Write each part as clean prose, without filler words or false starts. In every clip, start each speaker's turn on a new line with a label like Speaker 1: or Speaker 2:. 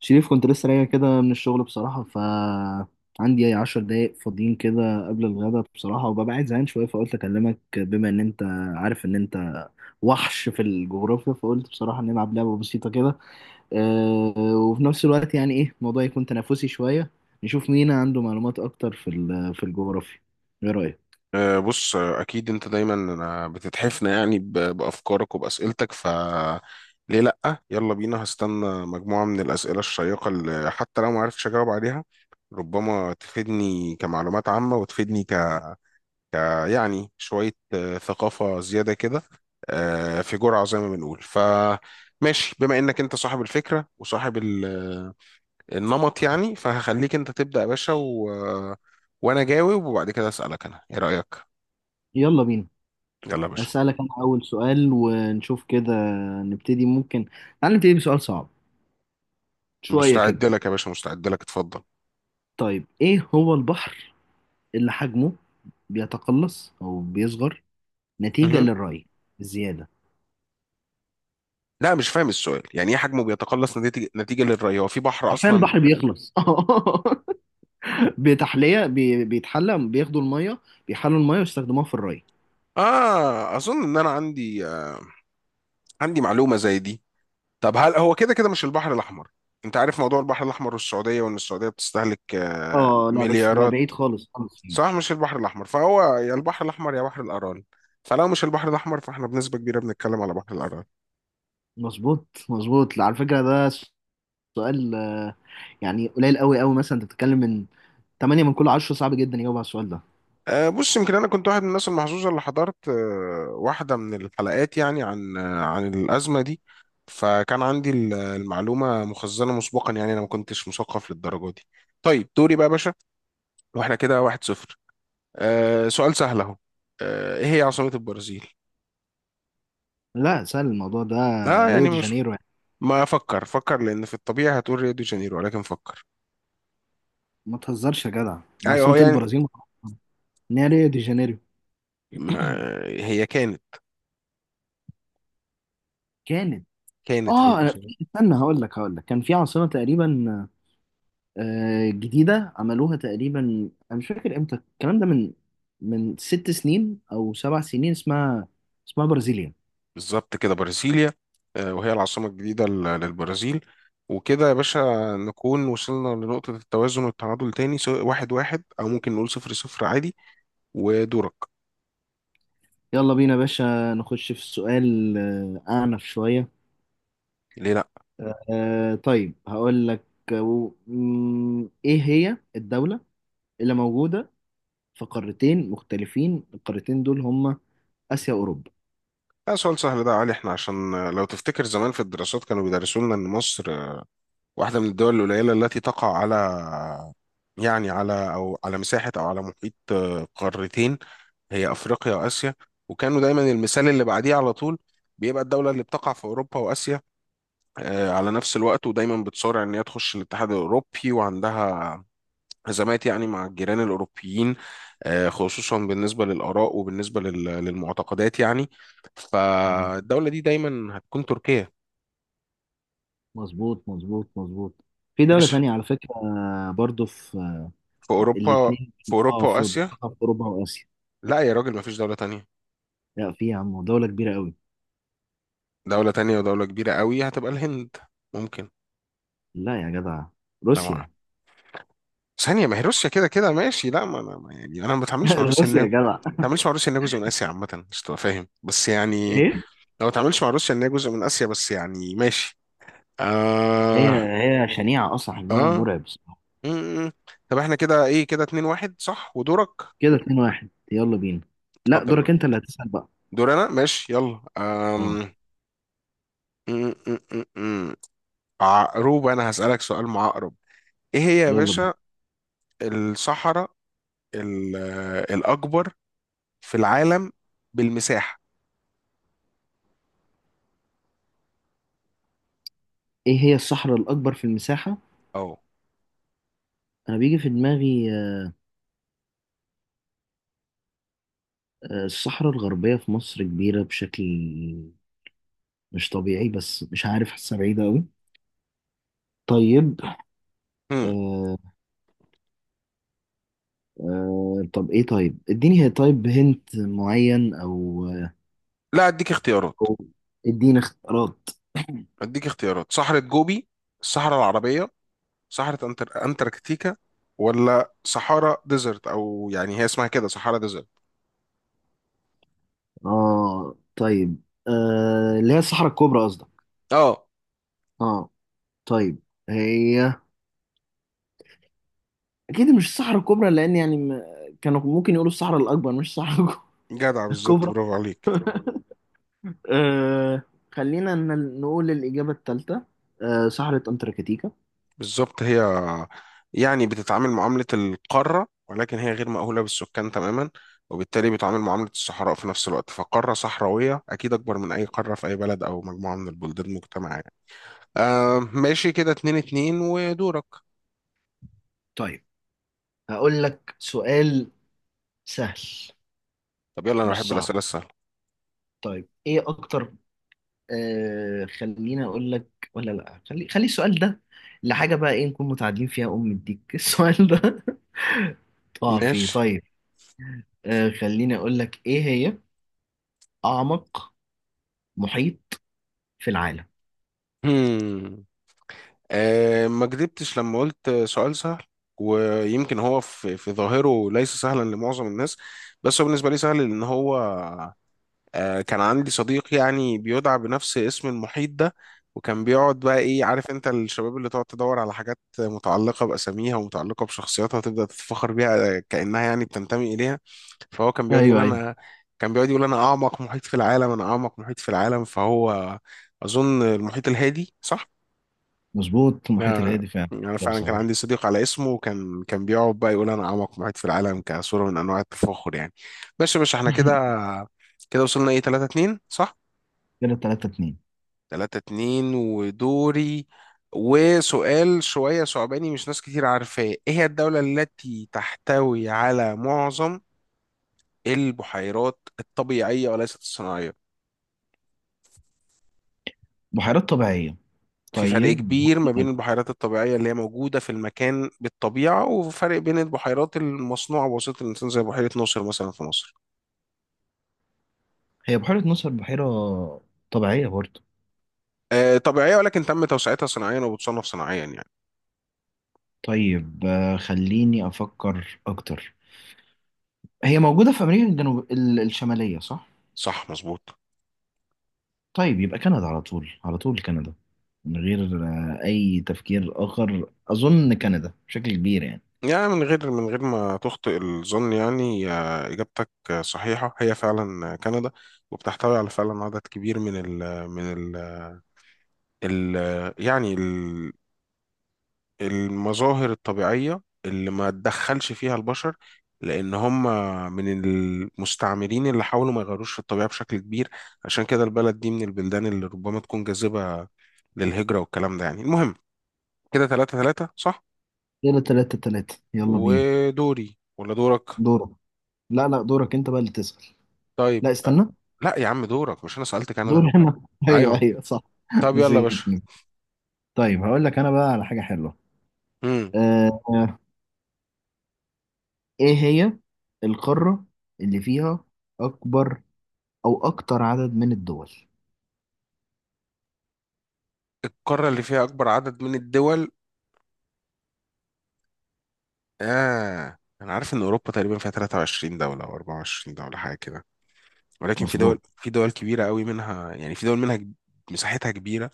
Speaker 1: شريف، كنت لسه راجع كده من الشغل بصراحة، ف عندي أي 10 دقايق فاضيين كده قبل الغدا بصراحة، وببقى قاعد زهقان شوية، فقلت أكلمك بما إن أنت عارف إن أنت وحش في الجغرافيا، فقلت بصراحة نلعب لعبة بسيطة كده. أه. وفي نفس الوقت يعني إيه الموضوع يكون تنافسي شوية، نشوف مين عنده معلومات أكتر في الجغرافيا. إيه رأيك؟
Speaker 2: بص، اكيد انت دايما، بتتحفنا يعني بافكارك وباسئلتك. ف ليه لا؟ يلا بينا، هستنى مجموعه من الاسئله الشيقه اللي حتى لو ما عرفتش اجاوب عليها ربما تفيدني كمعلومات عامه وتفيدني ك آه، يعني شويه ثقافه زياده كده، آه، في جرعه زي ما بنقول. ف ماشي، بما انك انت صاحب الفكره وصاحب النمط يعني، فهخليك انت تبدا يا باشا و... آه، وانا جاوب، وبعد كده اسالك انا ايه رايك.
Speaker 1: يلا بينا.
Speaker 2: يلا يا باشا،
Speaker 1: أسألك أنا أول سؤال ونشوف كده. نبتدي ممكن. تعال نبتدي بسؤال صعب شوية كده.
Speaker 2: مستعد لك يا باشا، مستعد لك، اتفضل.
Speaker 1: طيب، إيه هو البحر اللي حجمه بيتقلص أو بيصغر نتيجة
Speaker 2: مهم.
Speaker 1: للري الزيادة؟
Speaker 2: لا، مش فاهم السؤال، يعني ايه حجمه بيتقلص نتيجة للري؟ هو في بحر
Speaker 1: عارفين
Speaker 2: اصلا
Speaker 1: البحر
Speaker 2: بيبقى.
Speaker 1: بيخلص بتحلية، بيتحلى، بياخدوا المية، بيحلوا المية ويستخدموها في الري.
Speaker 2: اه، اظن ان انا عندي عندي معلومة زي دي. طب هل هو كده كده مش البحر الاحمر؟ انت عارف موضوع البحر الاحمر والسعودية، وان السعودية بتستهلك
Speaker 1: اه لا بس انا
Speaker 2: مليارات.
Speaker 1: بعيد خالص خالص فيه.
Speaker 2: صح، مش البحر الاحمر، فهو يا البحر الاحمر يا بحر الارال. فلو مش البحر الاحمر فاحنا بنسبة كبيرة بنتكلم على بحر الارال.
Speaker 1: مظبوط مظبوط على فكرة. ده سؤال يعني قليل قوي قوي. مثلا انت بتتكلم من 8 من كل 10 صعب جدا يجاوب على السؤال ده.
Speaker 2: بص، يمكن انا كنت واحد من الناس المحظوظه اللي حضرت واحده من الحلقات، يعني عن الازمه دي، فكان عندي المعلومه مخزنه مسبقا، يعني انا ما كنتش مثقف للدرجه دي. طيب دوري بقى يا باشا، واحنا كده 1-0. سؤال سهل اهو. ايه هي عاصمه البرازيل؟
Speaker 1: لا، سهل الموضوع ده.
Speaker 2: اه،
Speaker 1: ريو
Speaker 2: يعني
Speaker 1: دي
Speaker 2: مش.
Speaker 1: جانيرو يعني.
Speaker 2: ما افكر، فكر، لان في الطبيعي هتقول ريو دي جانيرو ولكن فكر.
Speaker 1: ما تهزرش يا جدع، ده
Speaker 2: ايوه، هو
Speaker 1: عاصمة
Speaker 2: يعني
Speaker 1: البرازيل معروفة ان هي ريو دي جانيرو.
Speaker 2: ما هي كانت
Speaker 1: كانت.
Speaker 2: كانت ريو
Speaker 1: اه،
Speaker 2: دي
Speaker 1: انا
Speaker 2: جانيرو.
Speaker 1: استنى هقول لك، هقول لك كان في عاصمه تقريبا جديده عملوها تقريبا. انا مش فاكر امتى الكلام ده، من 6 سنين او 7 سنين، اسمها برازيليا.
Speaker 2: بالظبط كده، برازيليا. وهي العاصمة الجديدة للبرازيل. وكده يا باشا، نكون وصلنا لنقطة التوازن والتعادل تاني، سواء 1-1 أو ممكن نقول 0-0 عادي. ودورك.
Speaker 1: يلا بينا يا باشا، نخش في السؤال اعنف شويه.
Speaker 2: ليه لأ؟
Speaker 1: طيب هقول لك. ايه هي الدوله اللي موجوده في قارتين مختلفين؟ القارتين دول هما اسيا واوروبا.
Speaker 2: ده سؤال سهل ده يا علي، احنا عشان، لو تفتكر زمان في الدراسات كانوا بيدرسوا لنا إن مصر، واحدة من الدول القليلة التي تقع على، يعني على، أو على مساحة أو على محيط، قارتين، هي أفريقيا وآسيا. وكانوا دايما المثال اللي بعديه على طول بيبقى الدولة اللي بتقع في أوروبا وآسيا على نفس الوقت، ودايما بتصارع ان هي تخش الاتحاد الاوروبي، وعندها ازمات يعني مع الجيران الاوروبيين، خصوصا بالنسبه للاراء وبالنسبه للمعتقدات يعني. فالدوله دي دايما هتكون تركيا.
Speaker 1: مظبوط مظبوط مظبوط. في دولة
Speaker 2: ماشي.
Speaker 1: تانية على فكرة برضو في
Speaker 2: في اوروبا
Speaker 1: الاتنين.
Speaker 2: في
Speaker 1: اه،
Speaker 2: اوروبا
Speaker 1: في،
Speaker 2: واسيا.
Speaker 1: بقى في اوروبا واسيا؟
Speaker 2: لا يا راجل، ما فيش دوله تانية.
Speaker 1: لا، في يا عم دولة كبيرة قوي.
Speaker 2: دوله تانية ودوله كبيره قوي؟ هتبقى الهند، ممكن.
Speaker 1: لا يا جدع.
Speaker 2: طبعا،
Speaker 1: روسيا.
Speaker 2: ثانية، ما هي روسيا كده كده، ماشي. لا، ما انا يعني انا ما بتعاملش مع روسيا انها،
Speaker 1: روسيا
Speaker 2: ما
Speaker 1: يا جدع.
Speaker 2: بتعاملش مع روسيا انها جزء من اسيا عامة، مش تبقى فاهم بس يعني.
Speaker 1: ايه.
Speaker 2: لو ما تعملش مع روسيا ان هي جزء من اسيا بس يعني، ماشي.
Speaker 1: هي
Speaker 2: اه.
Speaker 1: هي شنيعة اصلا، حجمها
Speaker 2: اه
Speaker 1: مرعب بصراحة.
Speaker 2: م- م. طب احنا كده ايه؟ كده 2-1 صح، ودورك.
Speaker 1: كده 2-1، يلا بينا. لا،
Speaker 2: اتفضل يا
Speaker 1: دورك
Speaker 2: باشا.
Speaker 1: انت اللي هتسأل بقى.
Speaker 2: دور انا، ماشي، يلا.
Speaker 1: اه،
Speaker 2: م- م- م- م. عقرب، انا هسألك سؤال معقرب. ايه هي يا
Speaker 1: يلا بينا.
Speaker 2: باشا الصحراء الاكبر في العالم بالمساحة؟
Speaker 1: ايه هي الصحراء الاكبر في المساحة؟
Speaker 2: اه.
Speaker 1: انا بيجي في دماغي الصحراء الغربية في مصر، كبيرة بشكل مش طبيعي، بس مش عارف، حاسة بعيدة قوي. طيب.
Speaker 2: م.
Speaker 1: آه، طب ايه، طيب اديني، هي طيب هنت معين، او،
Speaker 2: لا، اديك اختيارات.
Speaker 1: أو اديني اختيارات.
Speaker 2: اديك اختيارات: صحراء جوبي، الصحراء العربية، صحراء أنتاركتيكا، ولا صحارى ديزرت. أو يعني هي اسمها كده صحارى ديزرت.
Speaker 1: اه طيب. اللي هي الصحراء الكبرى قصدك؟
Speaker 2: اه،
Speaker 1: اه. طيب. هي اكيد مش الصحراء الكبرى، لان يعني م... كانوا ممكن يقولوا الصحراء الاكبر مش الصحراء
Speaker 2: جدع، بالظبط،
Speaker 1: الكبرى.
Speaker 2: برافو عليك.
Speaker 1: آه خلينا نقول الإجابة الثالثة، صحراء أنتاركتيكا.
Speaker 2: بالظبط هي، يعني بتتعامل معاملة القارة ولكن هي غير مأهولة بالسكان تماما، وبالتالي بتعامل معاملة الصحراء في نفس الوقت، فقارة صحراوية أكيد أكبر من أي قارة في أي بلد أو مجموعة من البلدان المجتمع يعني. ماشي، كده 2-2، ودورك.
Speaker 1: طيب هقول لك سؤال سهل،
Speaker 2: طب يلا، أنا
Speaker 1: مش
Speaker 2: بحب
Speaker 1: صعب.
Speaker 2: الأسئلة السهلة.
Speaker 1: طيب إيه أكتر خليني اقول لك، ولا لا، خلي خلي السؤال ده لحاجه بقى ايه نكون متعادلين فيها ام الديك السؤال ده. طبعا فيه.
Speaker 2: ماشي.
Speaker 1: طيب. خليني اقول لك، ايه هي اعمق محيط في العالم؟
Speaker 2: ما كدبتش لما قلت سؤال سهل. ويمكن هو في ظاهره ليس سهلا لمعظم الناس، بس هو بالنسبة لي سهل، لأن هو، كان عندي صديق يعني بيدعى بنفس اسم المحيط ده. وكان بيقعد بقى، إيه، عارف أنت الشباب اللي تقعد تدور على حاجات متعلقة بأساميها ومتعلقة بشخصياتها تبدأ تتفخر بيها، كأنها يعني بتنتمي إليها. فهو كان بيقعد يقول
Speaker 1: ايوه ايوه.
Speaker 2: انا، كان بيقعد يقول انا اعمق محيط في العالم، انا اعمق محيط في العالم. فهو اظن المحيط الهادي صح.
Speaker 1: مظبوط، المحيط
Speaker 2: آه،
Speaker 1: الهادي فعلا
Speaker 2: يعني انا
Speaker 1: يا
Speaker 2: فعلا كان
Speaker 1: صحيح.
Speaker 2: عندي صديق على اسمه، وكان بيقعد بقى يقول انا اعمق محيط في العالم، كصوره من انواع التفاخر يعني. ماشي يا باشا، احنا كده كده وصلنا ايه 3-2 صح.
Speaker 1: كده 3-2.
Speaker 2: 3-2 ودوري، وسؤال شويه صعباني، مش ناس كتير عارفاه. ايه هي الدوله التي تحتوي على معظم البحيرات الطبيعيه وليست الصناعيه؟
Speaker 1: بحيرات طبيعيه؟
Speaker 2: في فرق
Speaker 1: طيب
Speaker 2: كبير ما
Speaker 1: هقول
Speaker 2: بين
Speaker 1: لك.
Speaker 2: البحيرات الطبيعية اللي هي موجودة في المكان بالطبيعة، وفرق بين البحيرات المصنوعة بواسطة الإنسان، زي بحيرة ناصر مثلا في مصر.
Speaker 1: هي بحيره ناصر بحيره طبيعيه برضه؟
Speaker 2: طبيعية، ولكن تم توسعتها صناعيا وبتصنف صناعيا يعني.
Speaker 1: طيب، خليني افكر اكتر. هي موجوده في امريكا الجنوب الشماليه صح؟
Speaker 2: صح، مظبوط.
Speaker 1: طيب، يبقى كندا على طول، على طول كندا، من غير أي تفكير آخر، أظن كندا بشكل كبير يعني.
Speaker 2: يعني، من غير ما تخطئ الظن يعني، آه، إجابتك صحيحة، هي فعلا، كندا، وبتحتوي على فعلا عدد كبير من ال من ال ال يعني المظاهر الطبيعية اللي ما تدخلش فيها البشر، لأن هم من المستعمرين اللي حاولوا ما يغيروش في الطبيعة بشكل كبير. عشان كده البلد دي من البلدان اللي ربما تكون جاذبة للهجرة والكلام ده يعني. المهم، كده 3-3 صح.
Speaker 1: كده 3-3، يلا بينا.
Speaker 2: ودوري ولا دورك؟
Speaker 1: دورك. لا لا، دورك أنت بقى اللي تسأل. لا
Speaker 2: طيب.
Speaker 1: استنى.
Speaker 2: لا يا عم، دورك، مش أنا سألت كندا.
Speaker 1: دور أنا.
Speaker 2: أيوه.
Speaker 1: أيوه أيوه صح.
Speaker 2: طب يلا يا باشا.
Speaker 1: نسيت نسيت. طيب هقول لك أنا بقى على حاجة حلوة.
Speaker 2: مم.
Speaker 1: آه آه، إيه هي القارة اللي فيها أكبر أو أكتر عدد من الدول؟
Speaker 2: القارة اللي فيها أكبر عدد من الدول؟ أنا عارف إن أوروبا تقريبا فيها 23 دولة أو 24 دولة، حاجة كده. ولكن في دول
Speaker 1: مظبوط.
Speaker 2: في دول كبيرة قوي منها، يعني في دول منها. مساحتها كبيرة.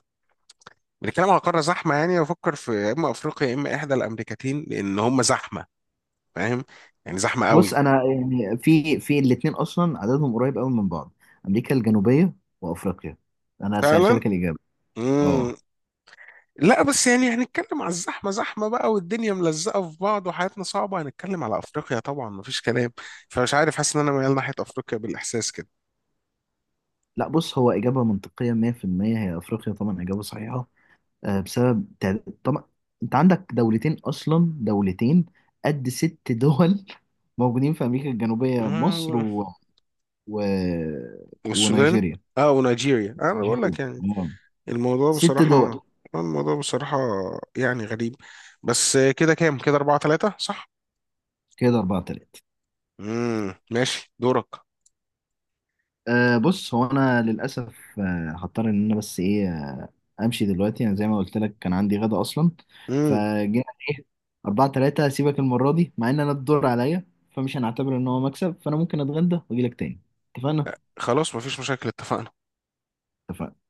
Speaker 2: بنتكلم على قارة زحمة، يعني بفكر في يا إما أفريقيا يا إما إحدى الأمريكتين، لأن هم زحمة، فاهم؟ يعني زحمة
Speaker 1: بص،
Speaker 2: قوي.
Speaker 1: انا يعني في الاثنين اصلا عددهم قريب قوي من بعض. امريكا الجنوبيه وافريقيا. انا سألت
Speaker 2: فعلا.
Speaker 1: لك الاجابه. اه.
Speaker 2: مم. لا بس يعني، هنتكلم على الزحمة زحمة بقى والدنيا ملزقة في بعض وحياتنا صعبة، هنتكلم على أفريقيا طبعا، مفيش كلام. فمش عارف، حاسس إن أنا ميال ناحية أفريقيا بالإحساس كده.
Speaker 1: لا بص، هو اجابه منطقيه 100%، هي افريقيا طبعا، اجابه صحيحه. آه، بسبب تع- طبعا. انت عندك دولتين اصلا، دولتين قد ست دول موجودين في امريكا الجنوبيه. مصر
Speaker 2: مم.
Speaker 1: و... و...
Speaker 2: والسودان.
Speaker 1: ونيجيريا
Speaker 2: اه، ونيجيريا، انا بقول
Speaker 1: نيجيريا
Speaker 2: لك يعني
Speaker 1: آه.
Speaker 2: الموضوع
Speaker 1: ست
Speaker 2: بصراحة،
Speaker 1: دول.
Speaker 2: آه، الموضوع بصراحة يعني غريب. بس كده كام؟ كده 4-3 صح؟
Speaker 1: كده 4-3.
Speaker 2: مم. ماشي، دورك.
Speaker 1: أه بص، هو انا للاسف أه هضطر ان انا بس ايه أه امشي دلوقتي. انا زي ما قلت لك كان عندي غدا اصلا،
Speaker 2: مم.
Speaker 1: فجينا ايه، 4-3، هسيبك المرة دي مع ان انا الدور عليا. فمش هنعتبر ان هو مكسب، فانا ممكن اتغدى واجي لك تاني. اتفقنا؟
Speaker 2: خلاص، مفيش مشاكل، اتفقنا.
Speaker 1: اتفقنا.